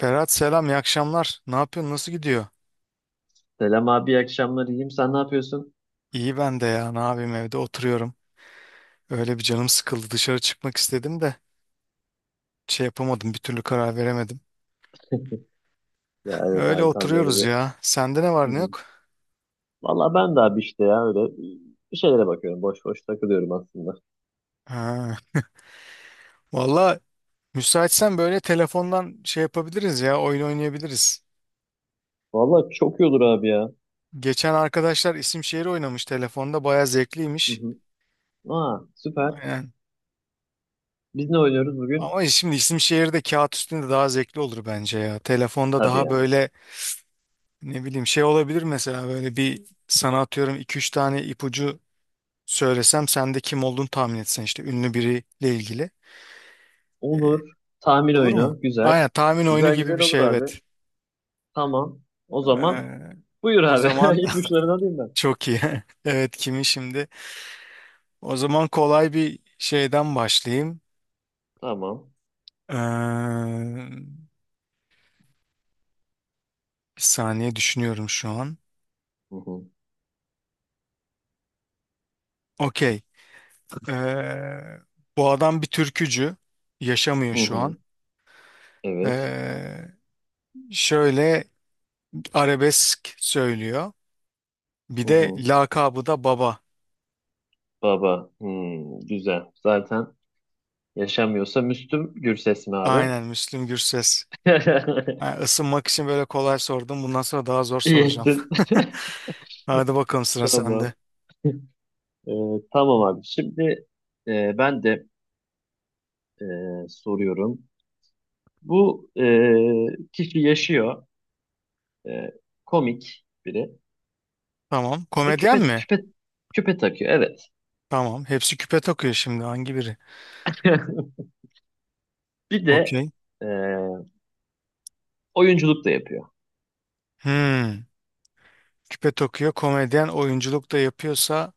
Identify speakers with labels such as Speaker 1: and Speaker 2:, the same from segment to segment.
Speaker 1: Berat selam, iyi akşamlar. Ne yapıyorsun, nasıl gidiyor?
Speaker 2: Selam abi, iyi akşamlar. İyiyim. Sen ne yapıyorsun?
Speaker 1: İyi ben de ya, ne yapayım evde oturuyorum. Öyle bir canım sıkıldı, dışarı çıkmak istedim de şey yapamadım, bir türlü karar veremedim.
Speaker 2: Ya evet
Speaker 1: Öyle
Speaker 2: abi tam böyle
Speaker 1: oturuyoruz
Speaker 2: bir...
Speaker 1: ya. Sende ne
Speaker 2: Hı
Speaker 1: var ne
Speaker 2: hı.
Speaker 1: yok?
Speaker 2: Valla ben de abi işte ya öyle bir şeylere bakıyorum. Boş boş takılıyorum aslında.
Speaker 1: Ha. Valla müsaitsen böyle telefondan şey yapabiliriz ya, oyun oynayabiliriz.
Speaker 2: Valla çok iyi olur abi ya.
Speaker 1: Geçen arkadaşlar isim şehir oynamış telefonda, baya
Speaker 2: Hı
Speaker 1: zevkliymiş.
Speaker 2: hı. Aa süper.
Speaker 1: Aynen.
Speaker 2: Biz ne oynuyoruz bugün?
Speaker 1: Ama şimdi isim şehir de kağıt üstünde daha zevkli olur bence ya. Telefonda
Speaker 2: Tabii
Speaker 1: daha
Speaker 2: ya.
Speaker 1: böyle. Ne bileyim şey olabilir mesela böyle bir sana atıyorum 2-3 tane ipucu söylesem sen de kim olduğunu tahmin etsen işte ünlü biriyle ilgili.
Speaker 2: Olur. Tahmin
Speaker 1: Olur mu?
Speaker 2: oyunu. Güzel.
Speaker 1: Aynen tahmin oyunu
Speaker 2: Güzel
Speaker 1: gibi
Speaker 2: güzel
Speaker 1: bir
Speaker 2: olur
Speaker 1: şey
Speaker 2: abi.
Speaker 1: evet.
Speaker 2: Tamam. O zaman
Speaker 1: Ee,
Speaker 2: buyur
Speaker 1: o
Speaker 2: abi.
Speaker 1: zaman
Speaker 2: İpuçlarını alayım ben.
Speaker 1: çok iyi. Evet kimi şimdi? O zaman kolay bir şeyden başlayayım.
Speaker 2: Tamam.
Speaker 1: Ee, bir saniye düşünüyorum şu an.
Speaker 2: Hı hı.
Speaker 1: Okey. Ee, bu adam bir türkücü. Yaşamıyor
Speaker 2: Hı
Speaker 1: şu
Speaker 2: hı.
Speaker 1: an.
Speaker 2: Evet.
Speaker 1: Ee, şöyle arabesk söylüyor. Bir
Speaker 2: Hı
Speaker 1: de
Speaker 2: hı.
Speaker 1: lakabı da baba.
Speaker 2: Baba. Hmm, güzel. Zaten yaşamıyorsa Müslüm Gürses mi abi?
Speaker 1: Aynen Müslüm Gürses. Ha, ısınmak için böyle kolay sordum. Bundan sonra daha zor
Speaker 2: İyi
Speaker 1: soracağım.
Speaker 2: ettin.
Speaker 1: Hadi bakalım sıra
Speaker 2: Tamam.
Speaker 1: sende.
Speaker 2: Ee, tamam abi. Şimdi ben de e, soruyorum. Bu kişi yaşıyor. E, komik biri.
Speaker 1: Tamam.
Speaker 2: Ve
Speaker 1: Komedyen mi?
Speaker 2: küpe takıyor. Evet.
Speaker 1: Tamam. Hepsi küpe takıyor şimdi. Hangi biri?
Speaker 2: Bir de
Speaker 1: Okey.
Speaker 2: e, oyunculuk da yapıyor.
Speaker 1: Hmm. Küpe takıyor. Komedyen oyunculuk da yapıyorsa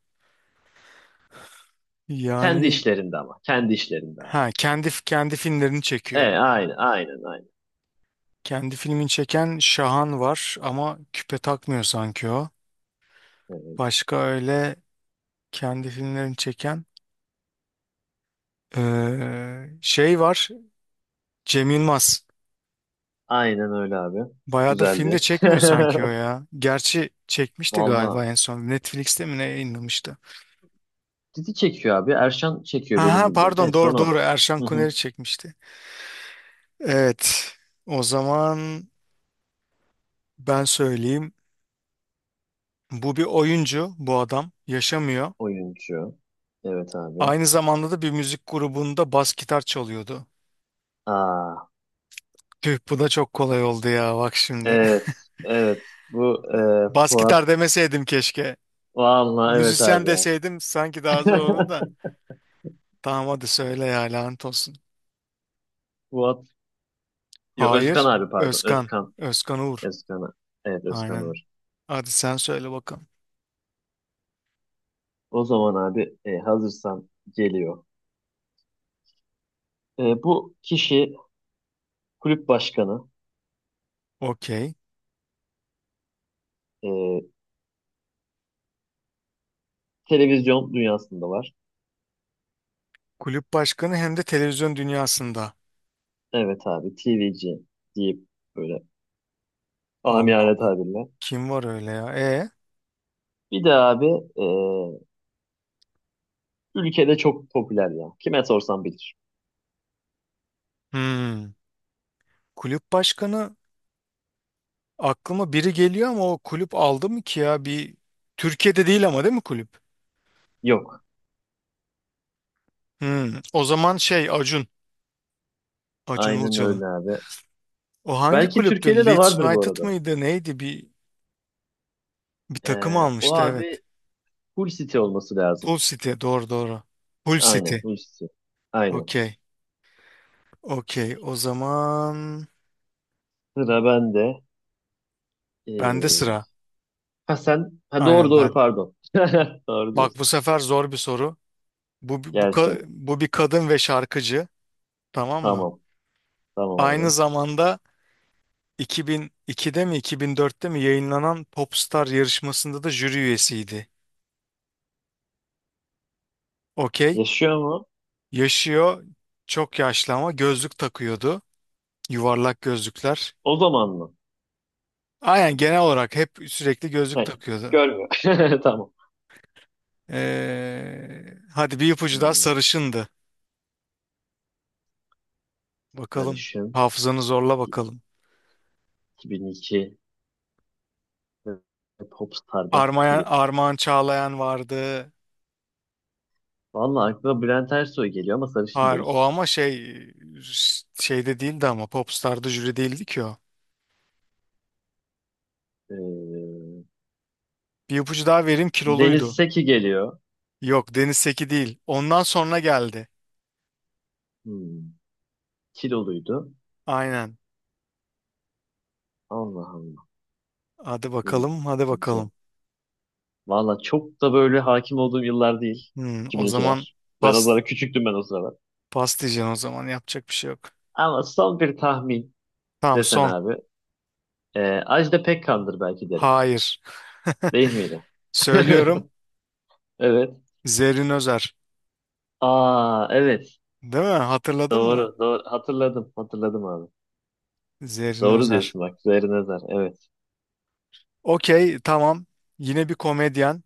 Speaker 2: Kendi
Speaker 1: yani
Speaker 2: işlerinde ama. Kendi işlerinde abi.
Speaker 1: ha kendi filmlerini
Speaker 2: E,
Speaker 1: çekiyor.
Speaker 2: aynen, aynen, aynen.
Speaker 1: Kendi filmini çeken Şahan var ama küpe takmıyor sanki o.
Speaker 2: Evet.
Speaker 1: Başka öyle kendi filmlerini çeken şey var Cem Yılmaz.
Speaker 2: Aynen öyle abi.
Speaker 1: Bayağıdır filmde
Speaker 2: Güzeldi.
Speaker 1: çekmiyor sanki o ya. Gerçi çekmişti galiba
Speaker 2: Valla,
Speaker 1: en son. Netflix'te mi ne yayınlamıştı?
Speaker 2: dizi çekiyor abi. Erşan çekiyor benim
Speaker 1: Aha
Speaker 2: bildiğim. En
Speaker 1: pardon
Speaker 2: son
Speaker 1: doğru
Speaker 2: o.
Speaker 1: doğru Erşan
Speaker 2: Hı hı.
Speaker 1: Kuneri çekmişti. Evet o zaman ben söyleyeyim. Bu bir oyuncu bu adam yaşamıyor.
Speaker 2: Oyuncu. Evet abi.
Speaker 1: Aynı zamanda da bir müzik grubunda bas gitar çalıyordu.
Speaker 2: Aa,
Speaker 1: Tüh bu da çok kolay oldu ya bak şimdi.
Speaker 2: evet. Evet. Bu
Speaker 1: Bas
Speaker 2: Fuat.
Speaker 1: gitar demeseydim keşke.
Speaker 2: Vallahi evet
Speaker 1: Müzisyen
Speaker 2: abi ya.
Speaker 1: deseydim sanki daha zor olurdu da. Tamam hadi söyle ya lanet olsun.
Speaker 2: Fuat. Yo Özkan
Speaker 1: Hayır.
Speaker 2: abi pardon.
Speaker 1: Özkan.
Speaker 2: Özkan.
Speaker 1: Özkan Uğur.
Speaker 2: Özkan. Evet Özkan Uğur.
Speaker 1: Aynen. Hadi sen söyle bakalım.
Speaker 2: O zaman abi hazırsan geliyor. Bu kişi kulüp başkanı.
Speaker 1: Okey.
Speaker 2: E, televizyon dünyasında var.
Speaker 1: Kulüp başkanı hem de televizyon dünyasında.
Speaker 2: Evet abi. TVC deyip böyle
Speaker 1: Allah
Speaker 2: amiyane
Speaker 1: Allah.
Speaker 2: tabirle.
Speaker 1: Kim var öyle ya? E.
Speaker 2: Bir de abi e, ülkede çok popüler ya. Kime sorsam bilir.
Speaker 1: Hmm. Kulüp başkanı aklıma biri geliyor ama o kulüp aldı mı ki ya? Bir Türkiye'de değil ama değil mi kulüp?
Speaker 2: Yok.
Speaker 1: Hmm. O zaman şey Acun. Acun
Speaker 2: Aynen
Speaker 1: Ilıcalı.
Speaker 2: öyle abi.
Speaker 1: O hangi
Speaker 2: Belki
Speaker 1: kulüptü?
Speaker 2: Türkiye'de de
Speaker 1: Leeds
Speaker 2: vardır bu
Speaker 1: United
Speaker 2: arada.
Speaker 1: mıydı? Neydi? Bir takım
Speaker 2: O
Speaker 1: almıştı evet.
Speaker 2: abi Hull City olması lazım.
Speaker 1: Pool City. Doğru doğru. Pool City.
Speaker 2: Aynen Hull City. Aynen.
Speaker 1: Okey. Okey. O zaman
Speaker 2: Sıra bende.
Speaker 1: bende
Speaker 2: Ee,
Speaker 1: sıra.
Speaker 2: ha sen ha doğru
Speaker 1: Aynen
Speaker 2: doğru
Speaker 1: ben.
Speaker 2: pardon. Doğru
Speaker 1: Bak bu
Speaker 2: diyorsun.
Speaker 1: sefer zor bir soru.
Speaker 2: Gelsin.
Speaker 1: Bu bir kadın ve şarkıcı. Tamam mı?
Speaker 2: Tamam. Tamam
Speaker 1: Aynı
Speaker 2: abi.
Speaker 1: zamanda 2002'de mi 2004'te mi yayınlanan Popstar yarışmasında da jüri üyesiydi. Okey.
Speaker 2: Yaşıyor mu?
Speaker 1: Yaşıyor. Çok yaşlı ama gözlük takıyordu. Yuvarlak gözlükler.
Speaker 2: O zaman mı?
Speaker 1: Aynen genel olarak hep sürekli gözlük
Speaker 2: Hayır.
Speaker 1: takıyordu.
Speaker 2: Görmüyor. Tamam.
Speaker 1: Hadi bir ipucu daha
Speaker 2: Hmm,
Speaker 1: sarışındı. Bakalım.
Speaker 2: sarışın.
Speaker 1: Hafızanı zorla bakalım.
Speaker 2: 2002 ve Popstar'da
Speaker 1: Armayan,
Speaker 2: jüri.
Speaker 1: Armağan Çağlayan vardı.
Speaker 2: Vallahi aklıma Bülent Ersoy geliyor ama sarışın
Speaker 1: Hayır
Speaker 2: değil.
Speaker 1: o ama şey şeyde değildi ama Popstar'da jüri değildi ki o.
Speaker 2: Ee,
Speaker 1: Bir ipucu daha vereyim
Speaker 2: Deniz
Speaker 1: kiloluydu.
Speaker 2: Seki geliyor.
Speaker 1: Yok Deniz Seki değil. Ondan sonra geldi.
Speaker 2: Hmm, kiloluydu.
Speaker 1: Aynen.
Speaker 2: Allah Allah.
Speaker 1: Hadi bakalım hadi
Speaker 2: 2002.
Speaker 1: bakalım.
Speaker 2: Valla çok da böyle hakim olduğum yıllar değil.
Speaker 1: Hmm, o zaman
Speaker 2: 2002'ler. Ben o
Speaker 1: pas,
Speaker 2: zaman küçüktüm ben o sıralar.
Speaker 1: pas diyeceksin o zaman yapacak bir şey yok.
Speaker 2: Ama son bir tahmin
Speaker 1: Tamam
Speaker 2: desen
Speaker 1: son.
Speaker 2: abi. Ajda Pekkan'dır belki derim.
Speaker 1: Hayır.
Speaker 2: Değil miydi?
Speaker 1: Söylüyorum.
Speaker 2: Evet.
Speaker 1: Zerrin Özer.
Speaker 2: Aa evet.
Speaker 1: Değil mi? Hatırladın mı?
Speaker 2: Doğru. Doğru. Hatırladım. Hatırladım abi.
Speaker 1: Zerrin
Speaker 2: Doğru
Speaker 1: Özer.
Speaker 2: diyorsun bak. Zerre nazar. Evet.
Speaker 1: Okey, tamam. Yine bir komedyen.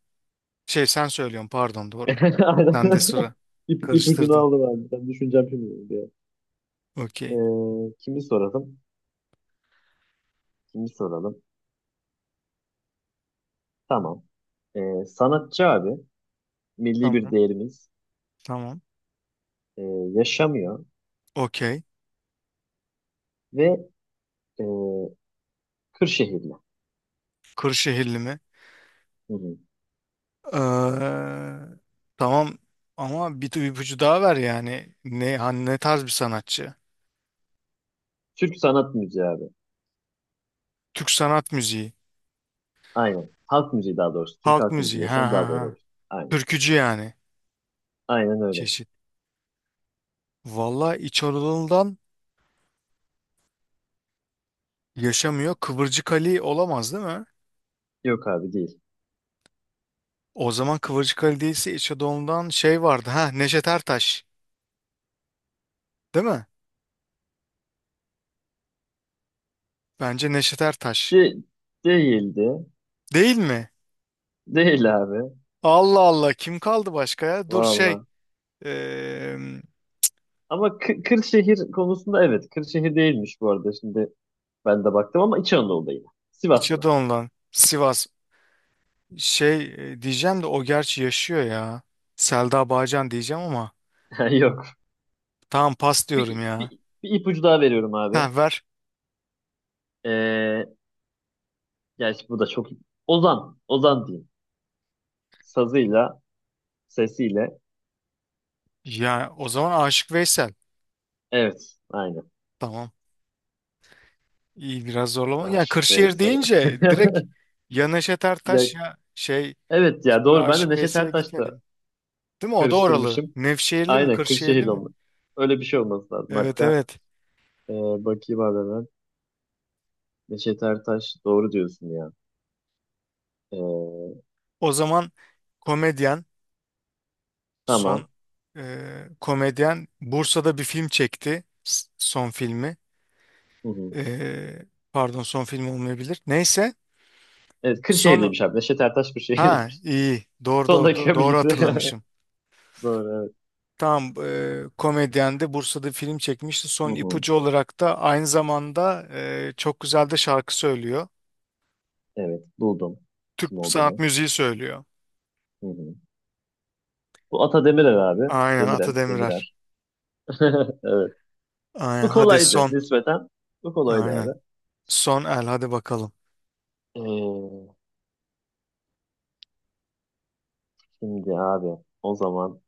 Speaker 1: Şey sen söylüyorsun pardon doğru.
Speaker 2: Aynen.
Speaker 1: Sen de sıra.
Speaker 2: İp, ipucunu
Speaker 1: Karıştırdım.
Speaker 2: aldım abi. Ben düşüneceğim şimdi, diye.
Speaker 1: Okey.
Speaker 2: Kimi soralım? Kimi soralım? Tamam. Sanatçı abi, milli bir
Speaker 1: Tamam.
Speaker 2: değerimiz
Speaker 1: Tamam.
Speaker 2: ee, yaşamıyor
Speaker 1: Okey.
Speaker 2: ve ee, Kırşehirli.
Speaker 1: Kırşehirli mi?
Speaker 2: Hı hı.
Speaker 1: Ee, tamam ama bir ipucu daha ver yani. Ne, hani ne tarz bir sanatçı?
Speaker 2: Türk sanat müziği abi.
Speaker 1: Türk sanat müziği.
Speaker 2: Aynen. Halk müziği daha doğrusu. Türk
Speaker 1: Halk
Speaker 2: halk müziği
Speaker 1: müziği. Ha
Speaker 2: desem
Speaker 1: ha
Speaker 2: daha doğru
Speaker 1: ha.
Speaker 2: olur. Aynen.
Speaker 1: Türkücü yani.
Speaker 2: Aynen öyle.
Speaker 1: Çeşit. Vallahi İç Anadolu'dan yaşamıyor. Kıvırcık Ali olamaz değil mi?
Speaker 2: Yok abi değil.
Speaker 1: O zaman Kıvırcık Ali değilse İç Anadolu'dan şey vardı. Ha Neşet Ertaş. Değil mi? Bence Neşet Ertaş.
Speaker 2: De değildi.
Speaker 1: Değil mi?
Speaker 2: Değil abi.
Speaker 1: Allah Allah kim kaldı başka ya? Dur şey
Speaker 2: Valla.
Speaker 1: eee
Speaker 2: Ama Kırşehir konusunda evet. Kırşehir değilmiş bu arada. Şimdi ben de baktım ama İç Anadolu'da yine.
Speaker 1: İç
Speaker 2: Sivaslı.
Speaker 1: Anadolu'dan Sivas. Şey diyeceğim de o gerçi yaşıyor ya. Selda Bağcan diyeceğim ama
Speaker 2: Yok.
Speaker 1: tamam pas diyorum
Speaker 2: Bir,
Speaker 1: ya.
Speaker 2: bir, bir ipucu daha veriyorum abi.
Speaker 1: Ha ver.
Speaker 2: Ee, Gerçi bu da çok... Ozan. Ozan diyeyim. Sazıyla, sesiyle.
Speaker 1: Ya o zaman Aşık Veysel.
Speaker 2: Evet. Aynen.
Speaker 1: Tamam. İyi biraz zorlama. Ya
Speaker 2: Aşık
Speaker 1: Kırşehir
Speaker 2: Veysel.
Speaker 1: deyince direkt ya Neşet
Speaker 2: Ya,
Speaker 1: Ertaş ya şey
Speaker 2: evet
Speaker 1: hiç
Speaker 2: ya
Speaker 1: böyle
Speaker 2: doğru. Ben de
Speaker 1: Aşık
Speaker 2: Neşet
Speaker 1: Veysel'e
Speaker 2: Ertaş'la
Speaker 1: gitmedim. Değil mi? O da oralı.
Speaker 2: karıştırmışım.
Speaker 1: Nevşehirli mi?
Speaker 2: Aynen
Speaker 1: Kırşehirli
Speaker 2: Kırşehirli
Speaker 1: mi?
Speaker 2: olmak. Öyle bir şey olması lazım.
Speaker 1: Evet
Speaker 2: Hatta
Speaker 1: evet.
Speaker 2: e, bakayım abi hemen. Neşet Ertaş doğru diyorsun ya. E,
Speaker 1: O zaman komedyen son
Speaker 2: tamam.
Speaker 1: komedyen Bursa'da bir film çekti. Son filmi.
Speaker 2: Hı hı.
Speaker 1: E, pardon son film olmayabilir. Neyse.
Speaker 2: Evet
Speaker 1: Son
Speaker 2: Kırşehirliymiş abi. Neşet Ertaş
Speaker 1: ha
Speaker 2: Kırşehirliymiş.
Speaker 1: iyi. Doğru
Speaker 2: Son
Speaker 1: doğru
Speaker 2: dakika
Speaker 1: doğru
Speaker 2: bilgisi.
Speaker 1: hatırlamışım.
Speaker 2: Doğru evet.
Speaker 1: Tam komedyen de Bursa'da bir film çekmişti.
Speaker 2: Hı
Speaker 1: Son
Speaker 2: hı.
Speaker 1: ipucu olarak da aynı zamanda çok güzel de şarkı söylüyor.
Speaker 2: Evet buldum
Speaker 1: Türk
Speaker 2: kim
Speaker 1: sanat
Speaker 2: olduğunu.
Speaker 1: müziği söylüyor.
Speaker 2: Hı hı. Bu Ata Demirer abi.
Speaker 1: Aynen Ata Demirer.
Speaker 2: Demirer. Evet.
Speaker 1: Aynen
Speaker 2: Bu
Speaker 1: hadi
Speaker 2: kolaydı
Speaker 1: son.
Speaker 2: nispeten. Bu kolaydı
Speaker 1: Aynen.
Speaker 2: abi.
Speaker 1: Son el hadi bakalım.
Speaker 2: Ee, şimdi abi o zaman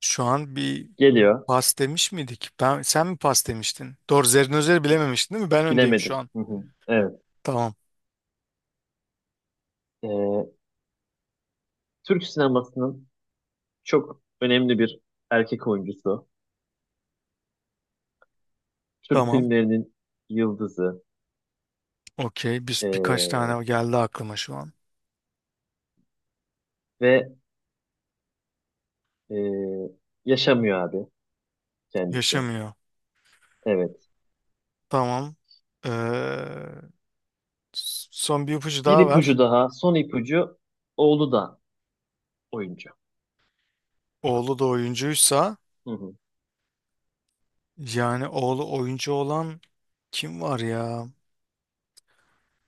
Speaker 1: Şu an bir
Speaker 2: geliyor.
Speaker 1: pas demiş miydik? Ben, sen mi pas demiştin? Doğru Zerrinözer'i bilememiştin değil mi? Ben öndeyim şu
Speaker 2: Bilemedim.
Speaker 1: an.
Speaker 2: Hı hı. Evet.
Speaker 1: Tamam.
Speaker 2: Ee, Türk sinemasının çok önemli bir erkek oyuncusu. Türk
Speaker 1: Tamam.
Speaker 2: filmlerinin yıldızı.
Speaker 1: Okey. Biz birkaç
Speaker 2: Ee,
Speaker 1: tane geldi aklıma şu an.
Speaker 2: ve ee, yaşamıyor abi kendisi.
Speaker 1: Yaşamıyor.
Speaker 2: Evet.
Speaker 1: Tamam. Ee, son bir ipucu
Speaker 2: Bir
Speaker 1: daha
Speaker 2: ipucu
Speaker 1: ver.
Speaker 2: daha. Son ipucu oğlu da oyuncu.
Speaker 1: Oğlu da oyuncuysa
Speaker 2: Hı hı.
Speaker 1: yani oğlu oyuncu olan kim var ya?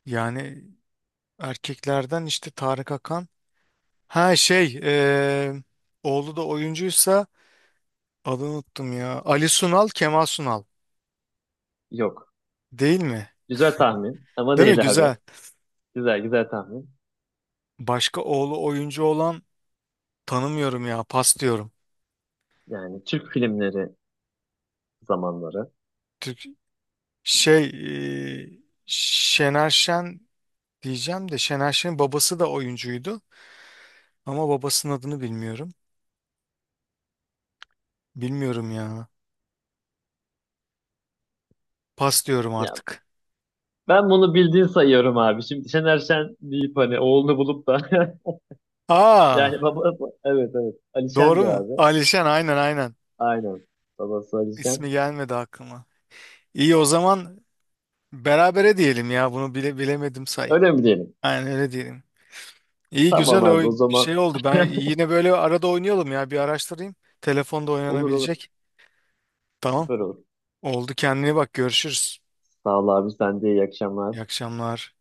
Speaker 1: Yani erkeklerden işte Tarık Akan. Ha şey oğlu da oyuncuysa adını unuttum ya. Ali Sunal, Kemal Sunal.
Speaker 2: Yok.
Speaker 1: Değil mi?
Speaker 2: Güzel tahmin ama
Speaker 1: Değil mi?
Speaker 2: değil abi.
Speaker 1: Güzel.
Speaker 2: Güzel güzel tahmin.
Speaker 1: Başka oğlu oyuncu olan tanımıyorum ya. Pas diyorum.
Speaker 2: Yani Türk filmleri zamanları.
Speaker 1: Türk şey e, Şener Şen diyeceğim de Şener Şen'in babası da oyuncuydu. Ama babasının adını bilmiyorum. Bilmiyorum ya. Pas diyorum
Speaker 2: Ya
Speaker 1: artık.
Speaker 2: ben bunu bildiğin sayıyorum abi. Şimdi Şener Şen deyip hani oğlunu bulup da
Speaker 1: Aa,
Speaker 2: yani baba evet evet Ali Şen
Speaker 1: doğru
Speaker 2: de
Speaker 1: mu?
Speaker 2: abi.
Speaker 1: Ali aynen aynen.
Speaker 2: Aynen. Babası Ali
Speaker 1: İsmi
Speaker 2: Şen.
Speaker 1: gelmedi aklıma. İyi o zaman berabere diyelim ya. Bunu bile bilemedim say.
Speaker 2: Öyle mi diyelim?
Speaker 1: Aynen öyle diyelim. İyi
Speaker 2: Tamam
Speaker 1: güzel o
Speaker 2: abi o
Speaker 1: şey
Speaker 2: zaman
Speaker 1: oldu. Ben yine böyle arada oynayalım ya. Bir araştırayım. Telefonda
Speaker 2: olur olur.
Speaker 1: oynanabilecek. Tamam.
Speaker 2: Süper olur.
Speaker 1: Oldu kendine bak. Görüşürüz.
Speaker 2: Sağ ol abi sen de iyi akşamlar.
Speaker 1: İyi akşamlar.